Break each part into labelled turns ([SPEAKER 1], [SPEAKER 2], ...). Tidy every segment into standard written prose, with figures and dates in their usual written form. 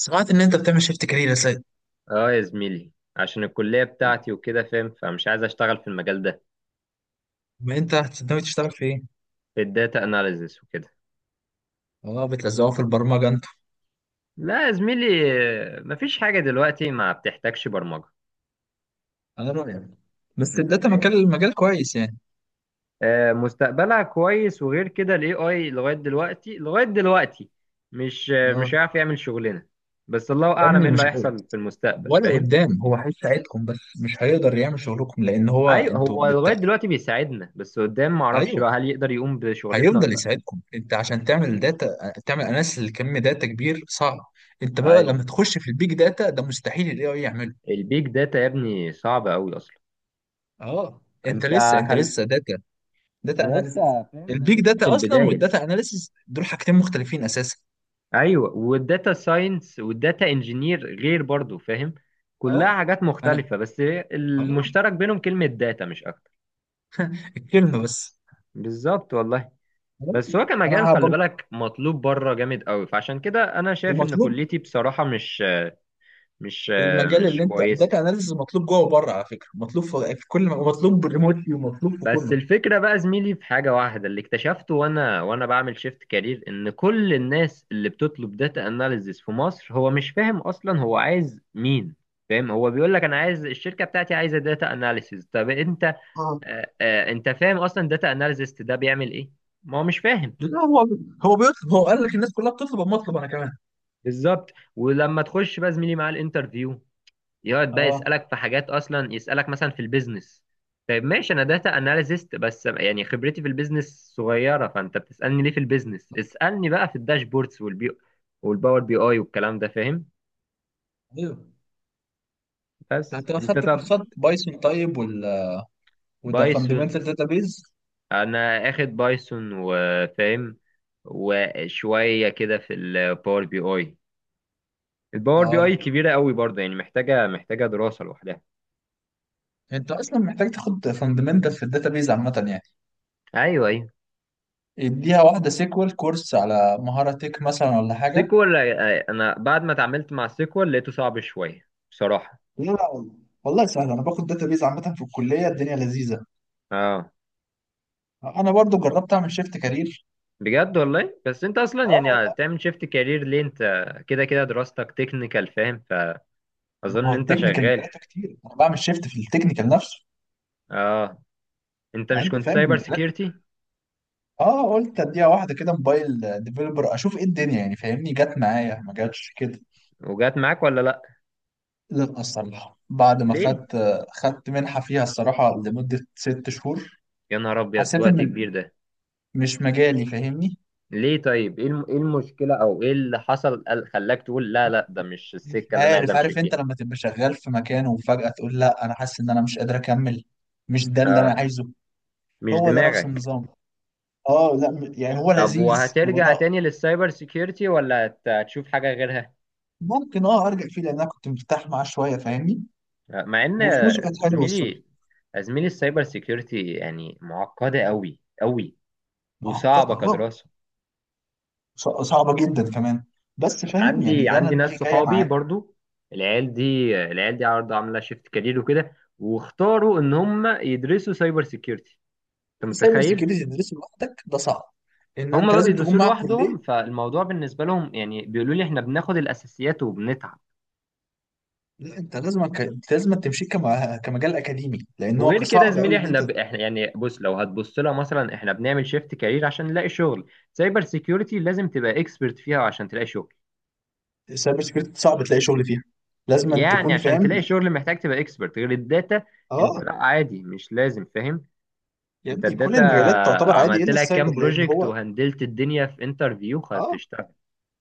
[SPEAKER 1] سمعت ان انت بتعمل شيفت كارير يا سيد،
[SPEAKER 2] اه يا زميلي. عشان الكلية بتاعتي وكده فاهم، فمش عايز اشتغل في المجال ده،
[SPEAKER 1] ما انت ناوي تشتغل في ايه؟
[SPEAKER 2] في الداتا اناليزس وكده.
[SPEAKER 1] اه بتلزقوا في البرمجه انتوا؟
[SPEAKER 2] لا يا زميلي. مفيش حاجة دلوقتي ما بتحتاجش برمجة.
[SPEAKER 1] انا رايك بس
[SPEAKER 2] انت
[SPEAKER 1] الداتا
[SPEAKER 2] فاهم؟
[SPEAKER 1] مجال مجال كويس يعني.
[SPEAKER 2] آه، مستقبلها كويس، وغير كده الاي اي لغاية دلوقتي، مش آه،
[SPEAKER 1] اه
[SPEAKER 2] مش هيعرف يعمل شغلنا. بس الله
[SPEAKER 1] يا
[SPEAKER 2] اعلم
[SPEAKER 1] ابني
[SPEAKER 2] ايه اللي
[SPEAKER 1] مش هو
[SPEAKER 2] هيحصل في المستقبل،
[SPEAKER 1] ولا
[SPEAKER 2] فاهم؟
[SPEAKER 1] قدام، هو هيساعدكم بس مش هيقدر يعمل شغلكم لان هو
[SPEAKER 2] ايوه،
[SPEAKER 1] انتوا
[SPEAKER 2] هو لغاية
[SPEAKER 1] بتاع.
[SPEAKER 2] دلوقتي بيساعدنا، بس قدام معرفش
[SPEAKER 1] ايوه
[SPEAKER 2] بقى هل يقدر يقوم بشغلتنا ولا
[SPEAKER 1] هيفضل
[SPEAKER 2] لا.
[SPEAKER 1] يساعدكم. انت عشان تعمل داتا تعمل اناليسيس لكم داتا كبير صعب. انت بقى
[SPEAKER 2] ايوه.
[SPEAKER 1] لما تخش في البيج داتا ده مستحيل الاي اي يعمله.
[SPEAKER 2] البيج داتا يا ابني صعب قوي اصلا.
[SPEAKER 1] اه انت لسه
[SPEAKER 2] انت
[SPEAKER 1] انت
[SPEAKER 2] خل...
[SPEAKER 1] لسه داتا داتا
[SPEAKER 2] انا
[SPEAKER 1] اناليسيس.
[SPEAKER 2] لسه فاهم، انا
[SPEAKER 1] البيج
[SPEAKER 2] لسه في
[SPEAKER 1] داتا اصلا
[SPEAKER 2] البدايه.
[SPEAKER 1] والداتا اناليسيس دول حاجتين مختلفين اساسا.
[SPEAKER 2] ايوه، والداتا ساينس والداتا انجينير غير برضو، فاهم؟ كلها
[SPEAKER 1] اه
[SPEAKER 2] حاجات
[SPEAKER 1] انا
[SPEAKER 2] مختلفه، بس
[SPEAKER 1] اه
[SPEAKER 2] المشترك بينهم كلمه داتا مش اكتر.
[SPEAKER 1] الكلمه بس.
[SPEAKER 2] بالظبط والله. بس هو
[SPEAKER 1] انا
[SPEAKER 2] كمجال خلي
[SPEAKER 1] هبقى
[SPEAKER 2] بالك مطلوب بره جامد قوي، فعشان كده انا شايف ان
[SPEAKER 1] ومطلوب.
[SPEAKER 2] كليتي بصراحه مش
[SPEAKER 1] المجال اللي
[SPEAKER 2] مش
[SPEAKER 1] انت
[SPEAKER 2] كويسه.
[SPEAKER 1] داتا اناليسز مطلوب جوه وبره على فكره، مطلوب في كل ومطلوب ريموتلي ومطلوب في
[SPEAKER 2] بس
[SPEAKER 1] كله.
[SPEAKER 2] الفكرة بقى زميلي في حاجة واحدة اللي اكتشفته، وانا بعمل شيفت كارير، ان كل الناس اللي بتطلب داتا اناليزز في مصر هو مش فاهم اصلا هو عايز مين. فاهم؟ هو بيقول لك انا عايز الشركة بتاعتي عايزة داتا اناليسز. طب انت
[SPEAKER 1] اه
[SPEAKER 2] انت فاهم اصلا داتا اناليسز ده بيعمل ايه؟ ما هو مش فاهم.
[SPEAKER 1] لا هو، هو بيطلب، هو قال لك الناس كلها بتطلب اما اطلب انا كمان.
[SPEAKER 2] بالظبط. ولما تخش بقى زميلي مع الانترفيو، يقعد بقى
[SPEAKER 1] اه
[SPEAKER 2] يسألك في حاجات، أصلا يسألك مثلا في البيزنس. طيب ماشي، أنا داتا أناليست، بس يعني خبرتي في البيزنس صغيرة، فأنت بتسألني ليه في البيزنس؟ اسألني بقى في الداشبوردز والباور بي أي والكلام ده، فاهم؟
[SPEAKER 1] ايوه،
[SPEAKER 2] بس
[SPEAKER 1] انت لو
[SPEAKER 2] أنت
[SPEAKER 1] خدت
[SPEAKER 2] طب.
[SPEAKER 1] كورسات بايثون طيب وده
[SPEAKER 2] بايثون.
[SPEAKER 1] فاندمنتال داتابيز.
[SPEAKER 2] أنا آخد بايثون وفاهم، وشوية كده في الباور بي أي. الباور بي أي
[SPEAKER 1] اه
[SPEAKER 2] كبيرة قوي برضه، يعني محتاجة دراسة لوحدها.
[SPEAKER 1] انت اصلا محتاج تاخد فاندمنتال في الداتابيز عامه يعني.
[SPEAKER 2] أيوه أيوه.
[SPEAKER 1] اديها واحده سيكوال كورس على مهاره تك مثلا ولا حاجه.
[SPEAKER 2] سيكوال؟ أنا بعد ما اتعاملت مع سيكوال لقيته صعب شوية بصراحة.
[SPEAKER 1] لا لا والله، والله سهل. انا باخد داتابيز عامه في الكليه الدنيا لذيذه.
[SPEAKER 2] اه.
[SPEAKER 1] انا برضو جربت اعمل شيفت كارير.
[SPEAKER 2] بجد والله. بس انت اصلا
[SPEAKER 1] اه
[SPEAKER 2] يعني
[SPEAKER 1] والله.
[SPEAKER 2] تعمل شيفت كارير ليه انت؟ كده كده دراستك تكنيكال، فاهم؟
[SPEAKER 1] ما
[SPEAKER 2] فاظن
[SPEAKER 1] هو
[SPEAKER 2] انت
[SPEAKER 1] التكنيكال
[SPEAKER 2] شغال.
[SPEAKER 1] مجالاته كتير، انا بعمل شيفت في التكنيكال نفسه.
[SPEAKER 2] اه. انت
[SPEAKER 1] يعني
[SPEAKER 2] مش
[SPEAKER 1] انت
[SPEAKER 2] كنت
[SPEAKER 1] فاهم
[SPEAKER 2] سايبر
[SPEAKER 1] المجالات.
[SPEAKER 2] سيكيورتي؟
[SPEAKER 1] اه قلت اديها واحده كده موبايل ديفلوبر اشوف ايه الدنيا يعني فاهمني، جت معايا ما جاتش كده.
[SPEAKER 2] وجات معاك ولا لا؟
[SPEAKER 1] لا، الصراحه بعد ما
[SPEAKER 2] ليه؟
[SPEAKER 1] خدت منحه فيها الصراحه لمده 6 شهور.
[SPEAKER 2] يا نهار ابيض،
[SPEAKER 1] حسيت
[SPEAKER 2] وقت
[SPEAKER 1] ان
[SPEAKER 2] كبير ده.
[SPEAKER 1] مش مجالي فاهمني.
[SPEAKER 2] ليه طيب، ايه ايه المشكلة او ايه اللي حصل خلاك تقول لا لا ده مش
[SPEAKER 1] مش
[SPEAKER 2] السكة اللي انا عايز
[SPEAKER 1] عارف،
[SPEAKER 2] امشي
[SPEAKER 1] عارف
[SPEAKER 2] فيها؟
[SPEAKER 1] انت لما تبقى شغال في مكان وفجأة تقول لا انا حاسس ان انا مش قادر اكمل. مش ده اللي انا
[SPEAKER 2] اه.
[SPEAKER 1] عايزه.
[SPEAKER 2] مش
[SPEAKER 1] هو ده نفس
[SPEAKER 2] دماغك.
[SPEAKER 1] النظام. اه لا يعني هو
[SPEAKER 2] طب
[SPEAKER 1] لذيذ
[SPEAKER 2] وهترجع
[SPEAKER 1] وانا.
[SPEAKER 2] تاني للسايبر سيكيورتي ولا هتشوف حاجة غيرها؟
[SPEAKER 1] ممكن ارجع فيه لان انا كنت مرتاح معاه شوية فاهمني.
[SPEAKER 2] مع ان
[SPEAKER 1] وفلوسه كانت حلوة الصراحة.
[SPEAKER 2] زميلي زميلي، السايبر سيكيورتي يعني معقده قوي قوي،
[SPEAKER 1] معقدة
[SPEAKER 2] وصعبه
[SPEAKER 1] اه.
[SPEAKER 2] كدراسه.
[SPEAKER 1] صعبة جدا كمان. بس فاهم
[SPEAKER 2] عندي
[SPEAKER 1] يعني انا
[SPEAKER 2] عندي
[SPEAKER 1] دماغي
[SPEAKER 2] ناس
[SPEAKER 1] جاية
[SPEAKER 2] صحابي
[SPEAKER 1] معاه.
[SPEAKER 2] برضو. العيال دي العيال دي عرض عامله شيفت كارير وكده، واختاروا ان هم يدرسوا سايبر سيكيورتي. انت
[SPEAKER 1] سايبر
[SPEAKER 2] متخيل؟
[SPEAKER 1] سيكيورتي تدرسه لوحدك ده صعب، ان
[SPEAKER 2] هم
[SPEAKER 1] انت
[SPEAKER 2] بقى
[SPEAKER 1] لازم تكون
[SPEAKER 2] بيدرسوه
[SPEAKER 1] مع كلية.
[SPEAKER 2] لوحدهم، فالموضوع بالنسبه لهم يعني بيقولوا لي احنا بناخد الاساسيات وبنتعب.
[SPEAKER 1] لا انت لازم تمشي كمجال اكاديمي لان هو
[SPEAKER 2] وغير كده يا
[SPEAKER 1] صعب
[SPEAKER 2] زميلي،
[SPEAKER 1] قوي ان انت.
[SPEAKER 2] احنا يعني بص، لو هتبص لها مثلا، احنا بنعمل شيفت كارير عشان نلاقي شغل. سايبر سيكيورتي لازم تبقى اكسبرت فيها عشان تلاقي شغل.
[SPEAKER 1] السايبر سكيورتي صعب تلاقي شغل فيها، لازم أن
[SPEAKER 2] يعني
[SPEAKER 1] تكون
[SPEAKER 2] عشان
[SPEAKER 1] فاهم.
[SPEAKER 2] تلاقي شغل محتاج تبقى اكسبرت، غير الداتا. انت
[SPEAKER 1] اه
[SPEAKER 2] لا، عادي مش لازم فاهم.
[SPEAKER 1] يا
[SPEAKER 2] انت
[SPEAKER 1] ابني، كل
[SPEAKER 2] الداتا
[SPEAKER 1] المجالات تعتبر عادي
[SPEAKER 2] عملت
[SPEAKER 1] الا
[SPEAKER 2] لها
[SPEAKER 1] السايبر
[SPEAKER 2] كام
[SPEAKER 1] لان
[SPEAKER 2] بروجكت
[SPEAKER 1] هو.
[SPEAKER 2] وهندلت الدنيا في انترفيو
[SPEAKER 1] اه
[SPEAKER 2] هتشتغل.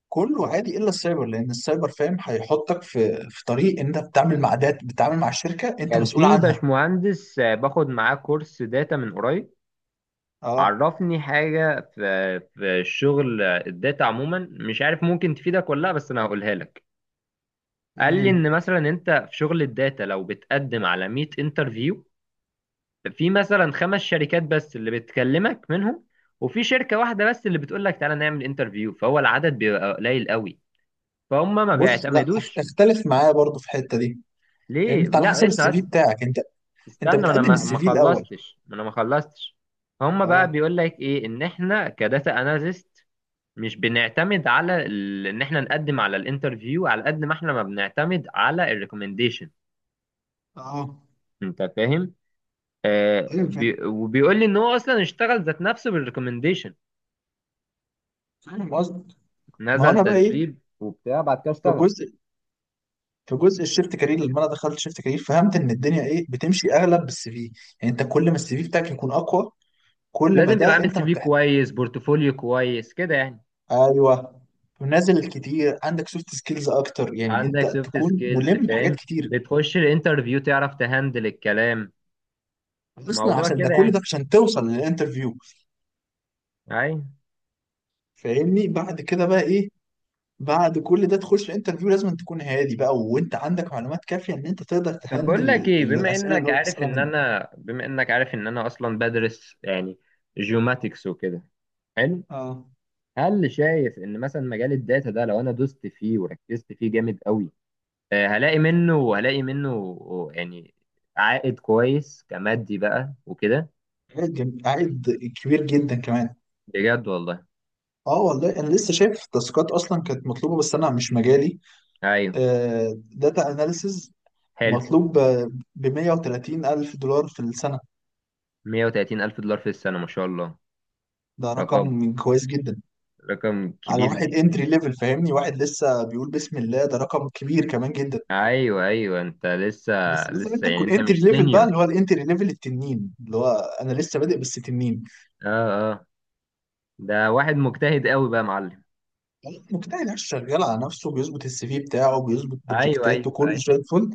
[SPEAKER 1] كله عادي الا السايبر لان السايبر فاهم هيحطك في طريق، انت بتتعامل مع دات بتتعامل مع الشركه انت
[SPEAKER 2] كان
[SPEAKER 1] مسؤول
[SPEAKER 2] في
[SPEAKER 1] عنها.
[SPEAKER 2] باشمهندس باخد معاه كورس داتا من قريب،
[SPEAKER 1] اه
[SPEAKER 2] عرفني حاجة في الشغل. الداتا عموما مش عارف ممكن تفيدك ولا لا، بس انا هقولها لك. قال لي
[SPEAKER 1] يعني
[SPEAKER 2] ان مثلا انت في شغل الداتا لو بتقدم على 100 انترفيو، في مثلا خمس شركات بس اللي بتكلمك منهم، وفي شركة واحدة بس اللي بتقول لك تعالى نعمل انترفيو. فهو العدد بيبقى قليل قوي، فهم ما
[SPEAKER 1] بص، لا
[SPEAKER 2] بيعتمدوش.
[SPEAKER 1] اختلف معايا برضو في الحته دي لان
[SPEAKER 2] ليه؟
[SPEAKER 1] انت على
[SPEAKER 2] لا
[SPEAKER 1] حسب
[SPEAKER 2] اسمع
[SPEAKER 1] السي في
[SPEAKER 2] بس،
[SPEAKER 1] بتاعك. انت
[SPEAKER 2] استنى ما انا
[SPEAKER 1] بتقدم
[SPEAKER 2] ما
[SPEAKER 1] السي
[SPEAKER 2] ما
[SPEAKER 1] في الاول.
[SPEAKER 2] خلصتش، ما انا ما خلصتش. هم بقى
[SPEAKER 1] اه
[SPEAKER 2] بيقول لك ايه ان احنا كداتا اناليست مش بنعتمد على ان احنا نقدم على الانترفيو على قد ما احنا ما بنعتمد على الريكومنديشن.
[SPEAKER 1] اه،
[SPEAKER 2] انت فاهم؟
[SPEAKER 1] ايوه فاهم.
[SPEAKER 2] بي، وبيقول لي ان هو اصلا اشتغل ذات نفسه بالريكومنديشن.
[SPEAKER 1] فاهم قصدي. ما هو
[SPEAKER 2] نزل
[SPEAKER 1] انا بقى ايه.
[SPEAKER 2] تدريب وبتاع، بعد كده
[SPEAKER 1] في
[SPEAKER 2] اشتغل.
[SPEAKER 1] الجزء في جزء الشيفت كارير، لما انا دخلت شيفت كارير فهمت ان الدنيا ايه بتمشي اغلب بالسي في. يعني انت كل ما السي في بتاعك يكون اقوى كل ما
[SPEAKER 2] لازم تبقى
[SPEAKER 1] ده
[SPEAKER 2] عامل
[SPEAKER 1] انت
[SPEAKER 2] سي في
[SPEAKER 1] مرتاح.
[SPEAKER 2] كويس، بورتفوليو كويس كده يعني.
[SPEAKER 1] ايوه، نازل كتير عندك سوفت سكيلز اكتر يعني انت
[SPEAKER 2] عندك سوفت
[SPEAKER 1] تكون
[SPEAKER 2] سكيلز
[SPEAKER 1] ملم بحاجات
[SPEAKER 2] فاهم،
[SPEAKER 1] كتير.
[SPEAKER 2] بتخش الانترفيو تعرف تهندل الكلام.
[SPEAKER 1] اصلا
[SPEAKER 2] موضوع
[SPEAKER 1] عشان ده
[SPEAKER 2] كده
[SPEAKER 1] كل ده
[SPEAKER 2] يعني.
[SPEAKER 1] عشان توصل للانترفيو
[SPEAKER 2] اي.
[SPEAKER 1] فاهمني. بعد كده بقى ايه، بعد كل ده تخش الانترفيو لازم تكون هادي بقى وانت عندك معلومات كافيه ان انت تقدر
[SPEAKER 2] طب
[SPEAKER 1] تهندل
[SPEAKER 2] بقول لك ايه، بما
[SPEAKER 1] الاسئله اللي
[SPEAKER 2] انك
[SPEAKER 1] هو
[SPEAKER 2] عارف
[SPEAKER 1] بيسالها
[SPEAKER 2] ان
[SPEAKER 1] منك.
[SPEAKER 2] انا بما انك عارف ان انا اصلا بدرس يعني جيوماتكس وكده. حلو.
[SPEAKER 1] اه
[SPEAKER 2] هل شايف ان مثلا مجال الداتا ده لو انا دوست فيه وركزت فيه جامد قوي، هلاقي منه يعني عائد كويس كمادي بقى وكده؟
[SPEAKER 1] عائد كبير جدا كمان.
[SPEAKER 2] بجد والله.
[SPEAKER 1] اه والله انا لسه شايف تاسكات اصلا كانت مطلوبه بس انا مش مجالي.
[SPEAKER 2] ايوه
[SPEAKER 1] داتا اناليسز
[SPEAKER 2] حلو.
[SPEAKER 1] مطلوب ب 130 الف دولار في السنه.
[SPEAKER 2] 130 الف دولار في السنة، ما شاء الله.
[SPEAKER 1] ده
[SPEAKER 2] رقم
[SPEAKER 1] رقم كويس جدا.
[SPEAKER 2] رقم
[SPEAKER 1] على
[SPEAKER 2] كبير
[SPEAKER 1] واحد
[SPEAKER 2] جدا.
[SPEAKER 1] انتري ليفل فاهمني، واحد لسه بيقول بسم الله، ده رقم كبير كمان جدا.
[SPEAKER 2] ايوه ايوه انت لسه.
[SPEAKER 1] بس لازم انت
[SPEAKER 2] يعني
[SPEAKER 1] تكون
[SPEAKER 2] انت
[SPEAKER 1] انتري
[SPEAKER 2] مش
[SPEAKER 1] ليفل بقى،
[SPEAKER 2] سينيور؟
[SPEAKER 1] اللي هو الانتري ليفل التنين اللي هو. انا لسه بادئ بس تنين.
[SPEAKER 2] اه اه. ده واحد مجتهد قوي بقى يا معلم.
[SPEAKER 1] مجتهد عايش شغال على نفسه، بيظبط السي في بتاعه، بيظبط
[SPEAKER 2] ايوه ايوه
[SPEAKER 1] بروجكتاته كله
[SPEAKER 2] ايوه.
[SPEAKER 1] زي الفل.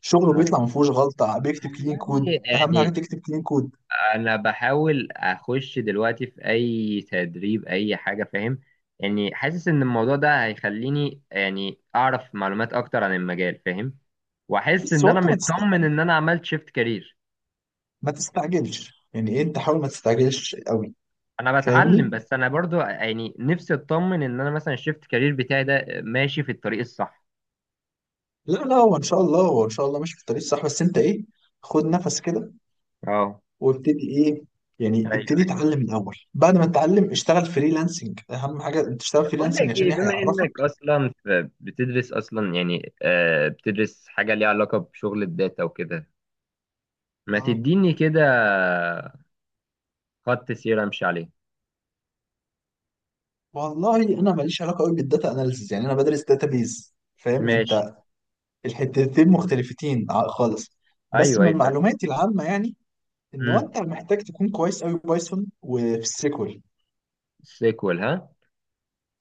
[SPEAKER 1] شغله
[SPEAKER 2] آه.
[SPEAKER 1] بيطلع ما فيهوش غلطه، بيكتب كلين كود،
[SPEAKER 2] والله
[SPEAKER 1] اهم حاجه
[SPEAKER 2] يعني،
[SPEAKER 1] تكتب كلين كود.
[SPEAKER 2] انا بحاول اخش دلوقتي في اي تدريب اي حاجه فاهم، يعني حاسس ان الموضوع ده هيخليني يعني اعرف معلومات اكتر عن المجال فاهم. واحس
[SPEAKER 1] بس
[SPEAKER 2] ان
[SPEAKER 1] هو
[SPEAKER 2] انا
[SPEAKER 1] انت
[SPEAKER 2] مطمن ان انا عملت شيفت كارير.
[SPEAKER 1] ما تستعجلش يعني ايه انت، حاول ما تستعجلش قوي
[SPEAKER 2] انا بتعلم،
[SPEAKER 1] فاهمني.
[SPEAKER 2] بس انا برضو يعني نفسي اطمن ان انا مثلا الشيفت كارير بتاعي ده ماشي في الطريق الصح.
[SPEAKER 1] لا لا، هو ان شاء الله ماشي في الطريق الصح، بس انت ايه، خد نفس كده
[SPEAKER 2] اه.
[SPEAKER 1] وابتدي ايه، يعني ابتدي
[SPEAKER 2] ايوه.
[SPEAKER 1] اتعلم الاول، بعد ما تتعلم اشتغل فريلانسنج، اهم حاجه انت
[SPEAKER 2] طب
[SPEAKER 1] تشتغل
[SPEAKER 2] بقول
[SPEAKER 1] فريلانسنج
[SPEAKER 2] لك
[SPEAKER 1] عشان
[SPEAKER 2] ايه، بما انك
[SPEAKER 1] هيعرفك.
[SPEAKER 2] اصلا بتدرس اصلا يعني بتدرس حاجه ليها علاقه بشغل الداتا وكده، ما
[SPEAKER 1] اه
[SPEAKER 2] تديني كده خط سير امشي عليه.
[SPEAKER 1] والله، انا ماليش علاقه قوي بالداتا اناليسيز يعني انا بدرس داتابيز فاهم
[SPEAKER 2] ماشي.
[SPEAKER 1] انت. الحتتين مختلفتين خالص. بس
[SPEAKER 2] ايوه
[SPEAKER 1] من
[SPEAKER 2] اي فاهم.
[SPEAKER 1] معلوماتي العامه يعني ان هو
[SPEAKER 2] امم
[SPEAKER 1] انت محتاج تكون كويس قوي بايثون وفي SQL.
[SPEAKER 2] سيكوال؟ ها؟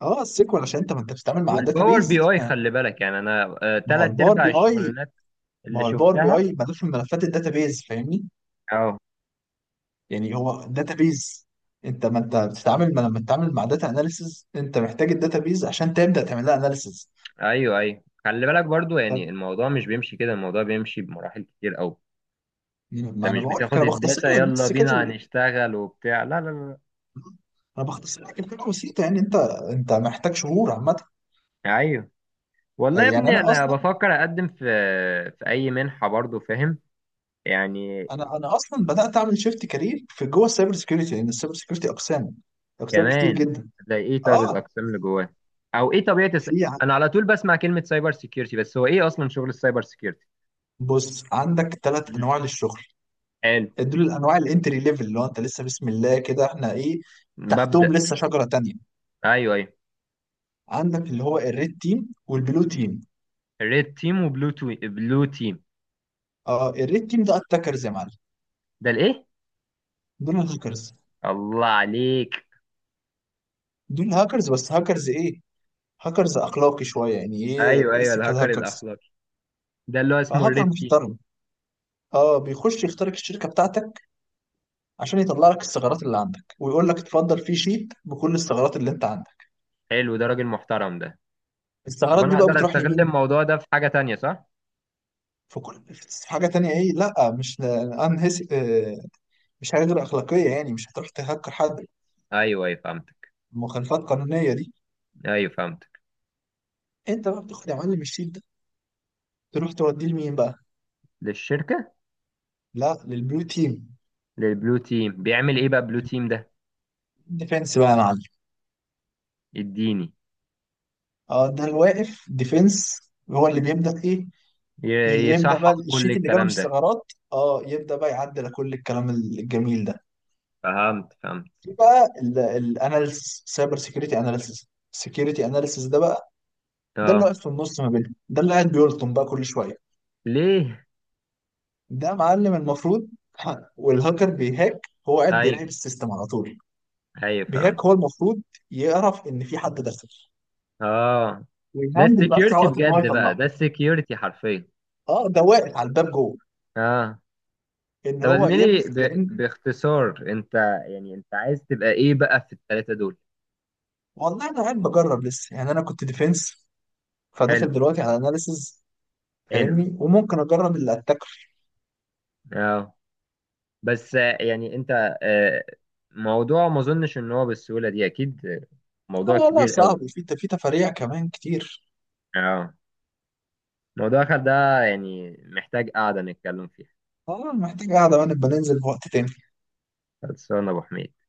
[SPEAKER 1] اه السيكوال عشان انت ما انت بتتعامل مع
[SPEAKER 2] والباور بي
[SPEAKER 1] بيز.
[SPEAKER 2] اي خلي بالك، يعني انا
[SPEAKER 1] ما هو
[SPEAKER 2] تلات
[SPEAKER 1] الباور
[SPEAKER 2] ارباع
[SPEAKER 1] بي اي
[SPEAKER 2] الشغلانات
[SPEAKER 1] ما
[SPEAKER 2] اللي
[SPEAKER 1] هو الباور بي
[SPEAKER 2] شفتها.
[SPEAKER 1] اي ملوش من ملفات بيز فاهمني.
[SPEAKER 2] اه.
[SPEAKER 1] يعني هو بيز. انت ما انت بتتعامل ما لما بتتعامل مع داتا اناليسز انت محتاج بيز عشان تبدا تعمل لها اناليسز.
[SPEAKER 2] ايوه ايوه خلي بالك برضو يعني الموضوع مش بيمشي كده، الموضوع بيمشي بمراحل كتير قوي.
[SPEAKER 1] ما
[SPEAKER 2] انت
[SPEAKER 1] انا
[SPEAKER 2] مش
[SPEAKER 1] بقول لك،
[SPEAKER 2] بتاخد
[SPEAKER 1] انا بختصر
[SPEAKER 2] الداتا
[SPEAKER 1] لك
[SPEAKER 2] يلا
[SPEAKER 1] بس كده
[SPEAKER 2] بينا هنشتغل وبتاع، لا لا لا.
[SPEAKER 1] انا بختصر لك الفكره بسيطه يعني انت. انت محتاج شهور عامه.
[SPEAKER 2] لا. ايوه. والله يا
[SPEAKER 1] يعني
[SPEAKER 2] ابني
[SPEAKER 1] انا
[SPEAKER 2] انا
[SPEAKER 1] اصلا
[SPEAKER 2] بفكر اقدم في اي منحة برضو فاهم، يعني.
[SPEAKER 1] انا انا اصلا بدات اعمل شيفت كارير في جوه السايبر سكيورتي لان السايبر سكيورتي اقسام، اقسام كتير
[SPEAKER 2] كمان.
[SPEAKER 1] جدا.
[SPEAKER 2] هتلاقي ايه طيب
[SPEAKER 1] اه
[SPEAKER 2] الاقسام اللي جواه؟ او ايه طبيعه
[SPEAKER 1] في،
[SPEAKER 2] انا على طول بسمع كلمه سايبر سيكيورتي، بس هو ايه اصلا شغل السايبر سيكيورتي؟
[SPEAKER 1] بص عندك ثلاث
[SPEAKER 2] مم.
[SPEAKER 1] انواع للشغل.
[SPEAKER 2] حلو.
[SPEAKER 1] دول الانواع الانتري ليفل اللي هو انت لسه بسم الله كده احنا ايه،
[SPEAKER 2] ببدا.
[SPEAKER 1] تحتهم لسه شجره تانية.
[SPEAKER 2] ايوه ايوه.
[SPEAKER 1] عندك اللي هو الريد تيم والبلو تيم.
[SPEAKER 2] ريد تيم وبلو تو... بلو تيم.
[SPEAKER 1] اه الريد تيم ده اتاكرز يا معلم.
[SPEAKER 2] ده الايه؟
[SPEAKER 1] دول الهاكرز.
[SPEAKER 2] الله عليك.
[SPEAKER 1] دول هاكرز بس هاكرز ايه، هاكرز اخلاقي شويه يعني
[SPEAKER 2] ايوه
[SPEAKER 1] ايه،
[SPEAKER 2] ايوه.
[SPEAKER 1] ايثيكال
[SPEAKER 2] الهاكر
[SPEAKER 1] هاكرز.
[SPEAKER 2] الاخلاقي، ده اللي هو اسمه
[SPEAKER 1] هاكر
[SPEAKER 2] الريد تيم.
[SPEAKER 1] محترم. اه بيخش يخترق الشركه بتاعتك عشان يطلع لك الثغرات اللي عندك ويقول لك اتفضل في شيت بكل الثغرات اللي انت عندك.
[SPEAKER 2] حلو، ده راجل محترم ده. طب
[SPEAKER 1] الثغرات
[SPEAKER 2] انا
[SPEAKER 1] دي بقى
[SPEAKER 2] اقدر
[SPEAKER 1] بتروح
[SPEAKER 2] استغل
[SPEAKER 1] لمين؟
[SPEAKER 2] الموضوع ده في حاجه تانية صح؟
[SPEAKER 1] في حاجة تانية ايه، لا مش انهس. مش حاجة غير أخلاقية يعني، مش هتروح تهكر حد.
[SPEAKER 2] ايوه ايوه فهمتك.
[SPEAKER 1] المخالفات القانونية دي.
[SPEAKER 2] ايوه فهمتك.
[SPEAKER 1] انت بقى بتاخد يا معلم الشيت ده تروح توديه لمين بقى؟
[SPEAKER 2] للشركه؟
[SPEAKER 1] لا، للبلو تيم.
[SPEAKER 2] للبلو تيم، بيعمل ايه بقى بلو تيم ده؟
[SPEAKER 1] الديفنس بقى يا معلم.
[SPEAKER 2] اديني.
[SPEAKER 1] اه ده الواقف ديفنس. هو اللي بيبدأ ايه، يبدأ بقى
[SPEAKER 2] يصحح كل
[SPEAKER 1] الشيت اللي جاله من
[SPEAKER 2] الكلام ده؟
[SPEAKER 1] الثغرات، اه يبدأ بقى يعدل كل الكلام الجميل ده.
[SPEAKER 2] فهمت فهمت.
[SPEAKER 1] في بقى الاناليسيس، سايبر سيكيورتي اناليسيس، سيكيورتي اناليسيس ده بقى ده اللي
[SPEAKER 2] اه.
[SPEAKER 1] واقف في النص ما بينهم، ده اللي قاعد بيلطم بقى كل شوية.
[SPEAKER 2] ليه؟
[SPEAKER 1] ده معلم المفروض. والهاكر بيهاك، هو قاعد
[SPEAKER 2] ايوه
[SPEAKER 1] بيراقب السيستم على طول.
[SPEAKER 2] ايوه
[SPEAKER 1] بيهاك
[SPEAKER 2] فهمت.
[SPEAKER 1] هو المفروض يعرف ان في حد داخل،
[SPEAKER 2] اه. ده
[SPEAKER 1] ويهندل باسرع
[SPEAKER 2] السكيورتي
[SPEAKER 1] وقت ان هو
[SPEAKER 2] بجد بقى،
[SPEAKER 1] يطلعه.
[SPEAKER 2] ده السكيورتي حرفيا.
[SPEAKER 1] اه ده واقف على الباب جوه
[SPEAKER 2] اه.
[SPEAKER 1] ان
[SPEAKER 2] طب يا
[SPEAKER 1] هو
[SPEAKER 2] زميلي
[SPEAKER 1] يبدا لان.
[SPEAKER 2] باختصار انت، يعني انت عايز تبقى ايه بقى في الثلاثه دول؟
[SPEAKER 1] والله انا قاعد بجرب لسه يعني، انا كنت ديفense
[SPEAKER 2] حلو.
[SPEAKER 1] فداخل دلوقتي على اناليسز
[SPEAKER 2] حلو.
[SPEAKER 1] فاهمني، وممكن اجرب اللي اتاكل.
[SPEAKER 2] اه. بس يعني انت آه، موضوع ما اظنش ان هو بالسهوله دي اكيد.
[SPEAKER 1] لا
[SPEAKER 2] موضوع
[SPEAKER 1] والله
[SPEAKER 2] كبير قوي.
[SPEAKER 1] صعب وفي تفاريع كمان كتير.
[SPEAKER 2] اه. موضوع ده يعني محتاج قعده نتكلم فيها.
[SPEAKER 1] اه محتاج قاعده وانا بنزل في وقت تاني.
[SPEAKER 2] خلصانه يا ابو حميد.